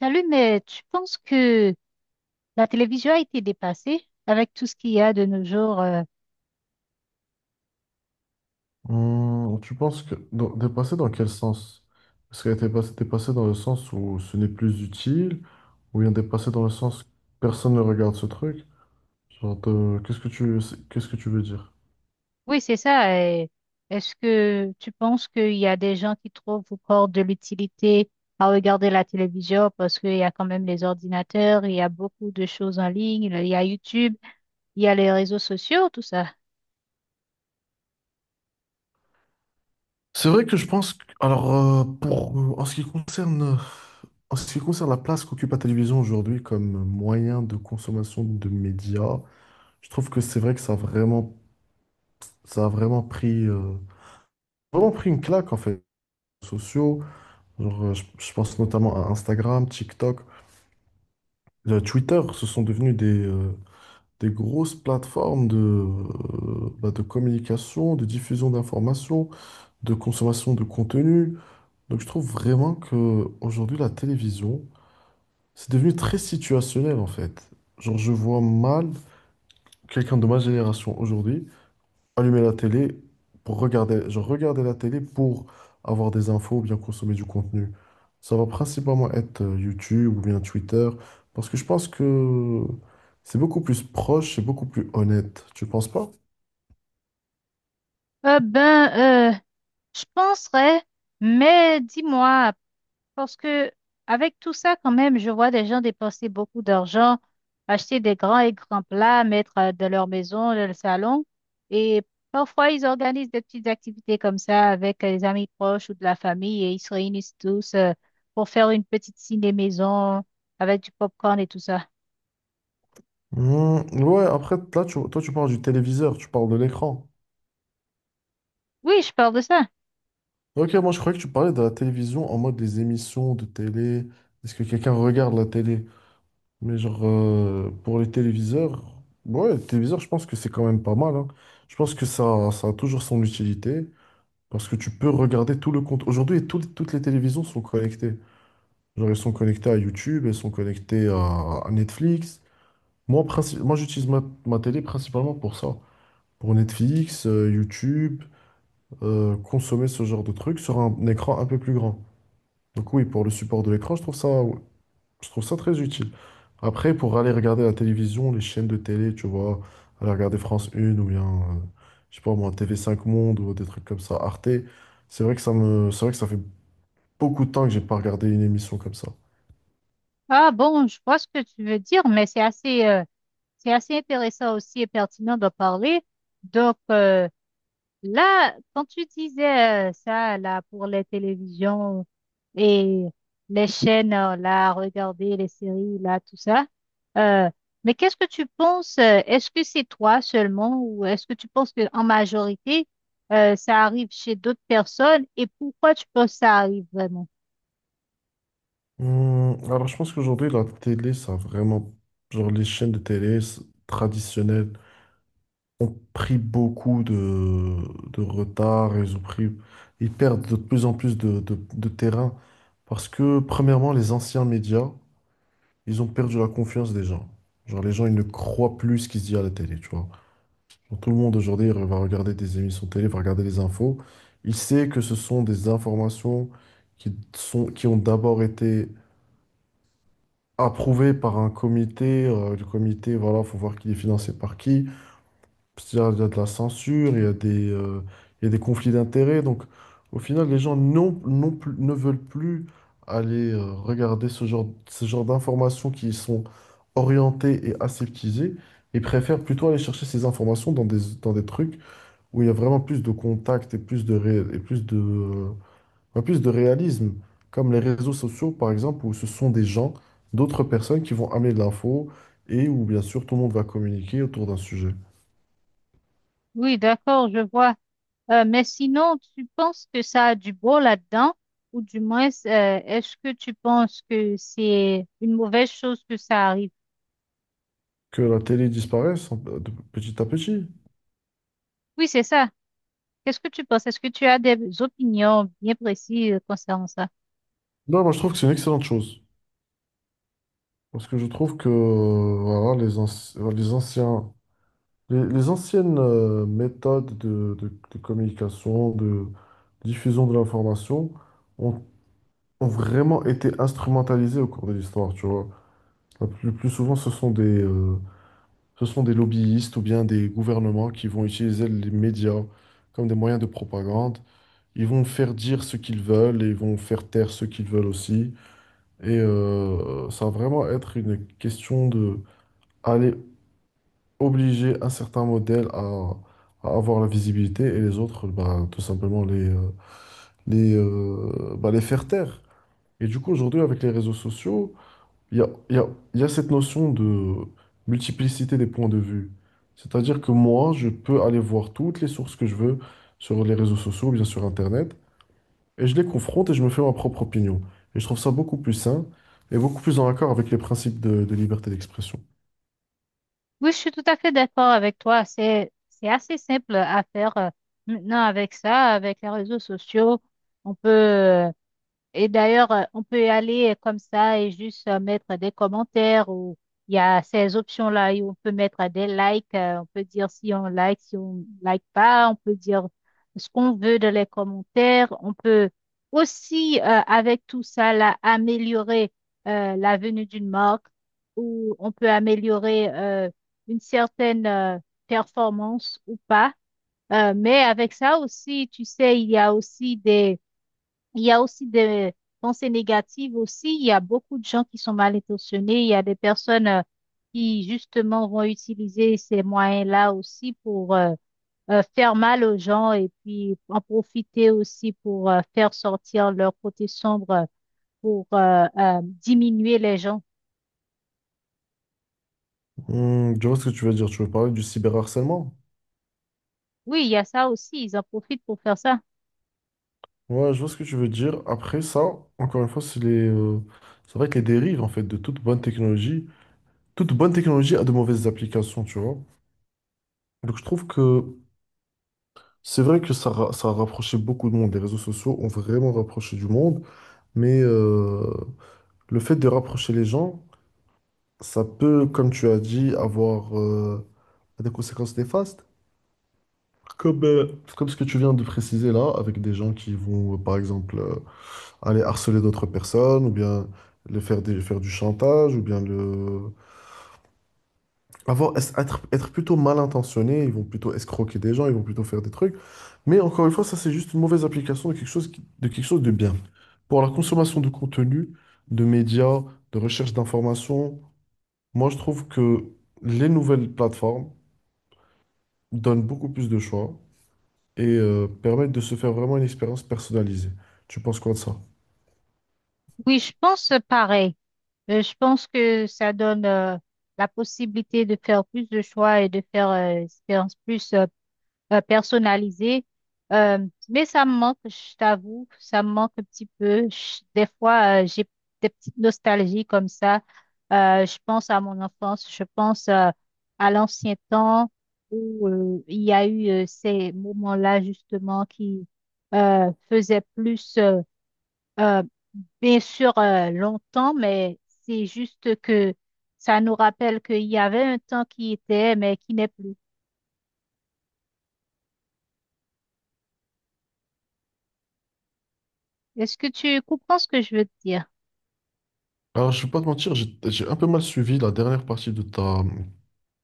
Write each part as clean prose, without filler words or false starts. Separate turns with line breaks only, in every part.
Salut, mais tu penses que la télévision a été dépassée avec tout ce qu'il y a de nos jours?
Tu penses que dépassé dans quel sens? Est-ce qu'elle était passée dépassée dans le sens où ce n'est plus utile, ou bien dépassée dans le sens que personne ne regarde ce truc? Genre, qu'est-ce que tu veux dire?
Oui, c'est ça. Et est-ce que tu penses qu'il y a des gens qui trouvent encore de l'utilité à regarder la télévision parce qu'il y a quand même les ordinateurs, il y a beaucoup de choses en ligne, il y a YouTube, il y a les réseaux sociaux, tout ça?
C'est vrai que alors pour en ce qui concerne la place qu'occupe la télévision aujourd'hui comme moyen de consommation de médias, je trouve que c'est vrai que ça a vraiment pris une claque en fait, sociaux. Genre, je pense notamment à Instagram, TikTok, Twitter, ce sont devenus des grosses plateformes bah, de communication, de diffusion d'informations, de consommation de contenu. Donc je trouve vraiment que aujourd'hui la télévision, c'est devenu très situationnel en fait. Genre, je vois mal quelqu'un de ma génération aujourd'hui allumer la télé pour genre regarder la télé pour avoir des infos ou bien consommer du contenu. Ça va principalement être YouTube ou bien Twitter, parce que je pense que c'est beaucoup plus proche, c'est beaucoup plus honnête. Tu penses pas?
Euh, ben, euh, je penserais, mais dis-moi. Parce que avec tout ça, quand même, je vois des gens dépenser beaucoup d'argent, acheter des grands et grands plats, mettre dans leur maison, dans le salon. Et parfois, ils organisent des petites activités comme ça avec les amis proches ou de la famille et ils se réunissent tous pour faire une petite ciné maison avec du popcorn et tout ça.
Hmm, ouais, après, là, toi, tu parles du téléviseur, tu parles de l'écran.
Oui, je parle de ça.
Ok, moi, je croyais que tu parlais de la télévision en mode des émissions de télé. Est-ce que quelqu'un regarde la télé? Mais genre, pour les téléviseurs, ouais, les téléviseurs, je pense que c'est quand même pas mal, hein. Je pense que ça a toujours son utilité parce que tu peux regarder tout le compte. Aujourd'hui, toutes les télévisions sont connectées. Genre, elles sont connectées à YouTube, elles sont connectées à Netflix. Moi, j'utilise ma télé principalement pour ça. Pour Netflix, YouTube, consommer ce genre de trucs sur un écran un peu plus grand. Donc oui, pour le support de l'écran, je trouve ça très utile. Après, pour aller regarder la télévision, les chaînes de télé, tu vois, aller regarder France 1 ou bien, je sais pas moi, TV5 Monde ou des trucs comme ça, Arte, c'est vrai que ça fait beaucoup de temps que j'ai pas regardé une émission comme ça.
Ah bon, je vois ce que tu veux dire, mais c'est c'est assez intéressant aussi et pertinent d'en parler. Donc, euh, Là, quand tu disais ça, là, pour les télévisions et les chaînes, là, regarder les séries, là, tout ça, euh, mais qu'est-ce que tu penses? Est-ce que c'est toi seulement ou est-ce que tu penses que en majorité, ça arrive chez d'autres personnes et pourquoi tu penses que ça arrive vraiment?
Alors, je pense qu'aujourd'hui, la télé, ça a vraiment, genre, les chaînes de télé traditionnelles ont pris beaucoup de retard, ils perdent de plus en plus de terrain parce que, premièrement, les anciens médias, ils ont perdu la confiance des gens. Genre, les gens, ils ne croient plus ce qui se dit à la télé, tu vois. Genre, tout le monde aujourd'hui va regarder des émissions télé, va regarder les infos. Il sait que ce sont des informations qui ont d'abord été approuvées par un comité. Le comité, voilà, faut voir qui est financé par qui. Il y a de la censure, il y a des conflits d'intérêts. Donc, au final, les gens non plus, ne veulent plus aller regarder ce genre d'informations qui sont orientées et aseptisées. Ils préfèrent plutôt aller chercher ces informations dans des trucs où il y a vraiment plus de contact et plus de, ré- et plus de, ouais, plus de réalisme, comme les réseaux sociaux, par exemple, où ce sont d'autres personnes qui vont amener de l'info et où, bien sûr, tout le monde va communiquer autour d'un sujet.
Oui, d'accord, je vois. Mais sinon, tu penses que ça a du bon là-dedans ou du moins, est-ce que tu penses que c'est une mauvaise chose que ça arrive?
Que la télé disparaisse de petit à petit.
Oui, c'est ça. Qu'est-ce que tu penses? Est-ce que tu as des opinions bien précises concernant ça?
Non, moi je trouve que c'est une excellente chose. Parce que je trouve que voilà, les anciennes méthodes de communication, de diffusion de l'information ont, ont vraiment été instrumentalisées au cours de l'histoire, tu vois. Le plus souvent, ce sont des lobbyistes ou bien des gouvernements qui vont utiliser les médias comme des moyens de propagande. Ils vont faire dire ce qu'ils veulent et ils vont faire taire ce qu'ils veulent aussi. Et ça va vraiment être une question de aller obliger un certain modèle à avoir la visibilité et les autres, bah, tout simplement bah, les faire taire. Et du coup, aujourd'hui, avec les réseaux sociaux, il y a, il y a, il y a cette notion de multiplicité des points de vue. C'est-à-dire que moi, je peux aller voir toutes les sources que je veux sur les réseaux sociaux, bien sur Internet, et je les confronte et je me fais ma propre opinion. Et je trouve ça beaucoup plus sain et beaucoup plus en accord avec les principes de liberté d'expression.
Oui, je suis tout à fait d'accord avec toi. C'est assez simple à faire maintenant avec ça, avec les réseaux sociaux. On peut, et d'ailleurs, on peut y aller comme ça et juste mettre des commentaires ou il y a ces options-là et on peut mettre des likes. On peut dire si on like, si on like pas. On peut dire ce qu'on veut dans les commentaires. On peut aussi, avec tout ça, là, améliorer la venue d'une marque ou on peut améliorer une certaine performance ou pas. Mais avec ça aussi, tu sais, il y a aussi des pensées négatives aussi. Il y a beaucoup de gens qui sont mal intentionnés. Il y a des personnes qui justement vont utiliser ces moyens-là aussi pour faire mal aux gens et puis en profiter aussi pour faire sortir leur côté sombre pour diminuer les gens.
Hmm, je vois ce que tu veux dire. Tu veux parler du cyberharcèlement?
Oui, il y a ça aussi. Ils en profitent pour faire ça.
Ouais, je vois ce que tu veux dire. Après ça, encore une fois, c'est vrai que les dérives en fait de toute bonne technologie a de mauvaises applications, tu vois. Donc je trouve que c'est vrai que ça a rapproché beaucoup de monde. Les réseaux sociaux ont vraiment rapproché du monde, mais le fait de rapprocher les gens, ça peut, comme tu as dit, avoir a des conséquences néfastes. Comme, euh, comme ce que tu viens de préciser là, avec des gens qui vont, par exemple, aller harceler d'autres personnes, ou bien faire du chantage, être plutôt mal intentionnés, ils vont plutôt escroquer des gens, ils vont plutôt faire des trucs. Mais encore une fois, ça, c'est juste une mauvaise application de quelque chose, de quelque chose de bien. Pour la consommation de contenu, de médias, de recherche d'informations, moi, je trouve que les nouvelles plateformes donnent beaucoup plus de choix et permettre de se faire vraiment une expérience personnalisée. Tu penses quoi de ça?
Oui, je pense pareil. Je pense que ça donne la possibilité de faire plus de choix et de faire expérience plus, personnalisé. Euh, mais ça me manque, je t'avoue, ça me manque un petit peu. Des fois, j'ai des petites nostalgies comme ça. Je pense à mon enfance, je pense à l'ancien temps où il y a eu ces moments-là justement qui faisaient plus, euh, bien sûr, longtemps, mais c'est juste que ça nous rappelle qu'il y avait un temps qui était, mais qui n'est plus. Est-ce que tu comprends ce que je veux te dire?
Alors, je vais pas te mentir, j'ai un peu mal suivi la dernière partie de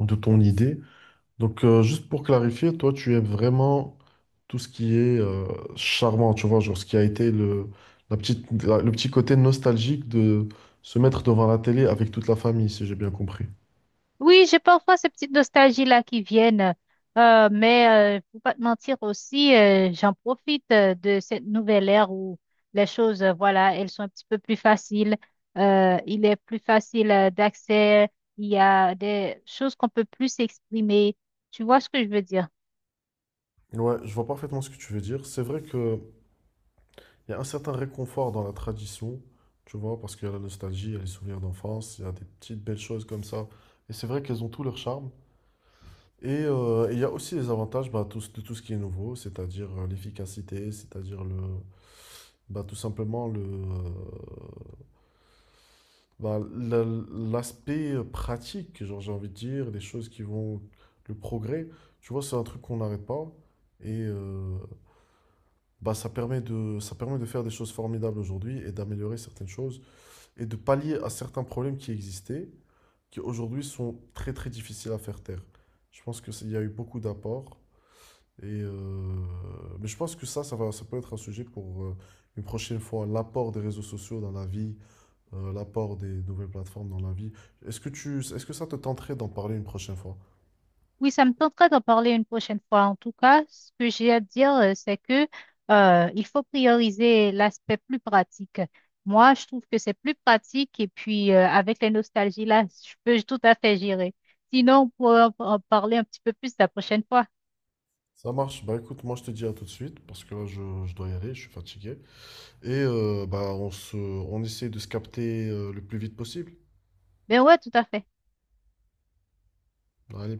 de ton idée. Donc, juste pour clarifier, toi, tu aimes vraiment tout ce qui est charmant, tu vois, genre ce qui a été le petit côté nostalgique de se mettre devant la télé avec toute la famille, si j'ai bien compris.
Oui, j'ai parfois ces petites nostalgies-là qui viennent, mais faut pas te mentir aussi, j'en profite de cette nouvelle ère où les choses, voilà, elles sont un petit peu plus faciles. Il est plus facile d'accès, il y a des choses qu'on peut plus exprimer. Tu vois ce que je veux dire?
Ouais, je vois parfaitement ce que tu veux dire. C'est vrai que Il y a un certain réconfort dans la tradition, tu vois, parce qu'il y a la nostalgie, il y a les souvenirs d'enfance, il y a des petites belles choses comme ça. Et c'est vrai qu'elles ont tout leur charme. Et il y a aussi les avantages bah, de tout ce qui est nouveau, c'est-à-dire l'efficacité, c'est-à-dire le, bah, tout simplement le, bah, la- l'aspect pratique, genre j'ai envie de dire, des choses qui vont, le progrès, tu vois, c'est un truc qu'on n'arrête pas. Et bah, ça permet de faire des choses formidables aujourd'hui et d'améliorer certaines choses. Et de pallier à certains problèmes qui existaient, qui aujourd'hui sont très très difficiles à faire taire. Je pense qu'il y a eu beaucoup d'apports. Et euh, mais je pense que ça peut être un sujet pour une prochaine fois, l'apport des réseaux sociaux dans la vie, l'apport des nouvelles plateformes dans la vie. Est-ce que ça te tenterait d'en parler une prochaine fois?
Oui, ça me tenterait d'en parler une prochaine fois. En tout cas, ce que j'ai à dire, c'est que il faut prioriser l'aspect plus pratique. Moi, je trouve que c'est plus pratique et puis avec les nostalgies là, je peux tout à fait gérer. Sinon, on pourra en parler un petit peu plus la prochaine fois.
Ça marche. Bah écoute, moi je te dis à tout de suite parce que là je dois y aller, je suis fatigué. Et bah, on essaie de se capter le plus vite possible.
Mais ouais, tout à fait.
Allez,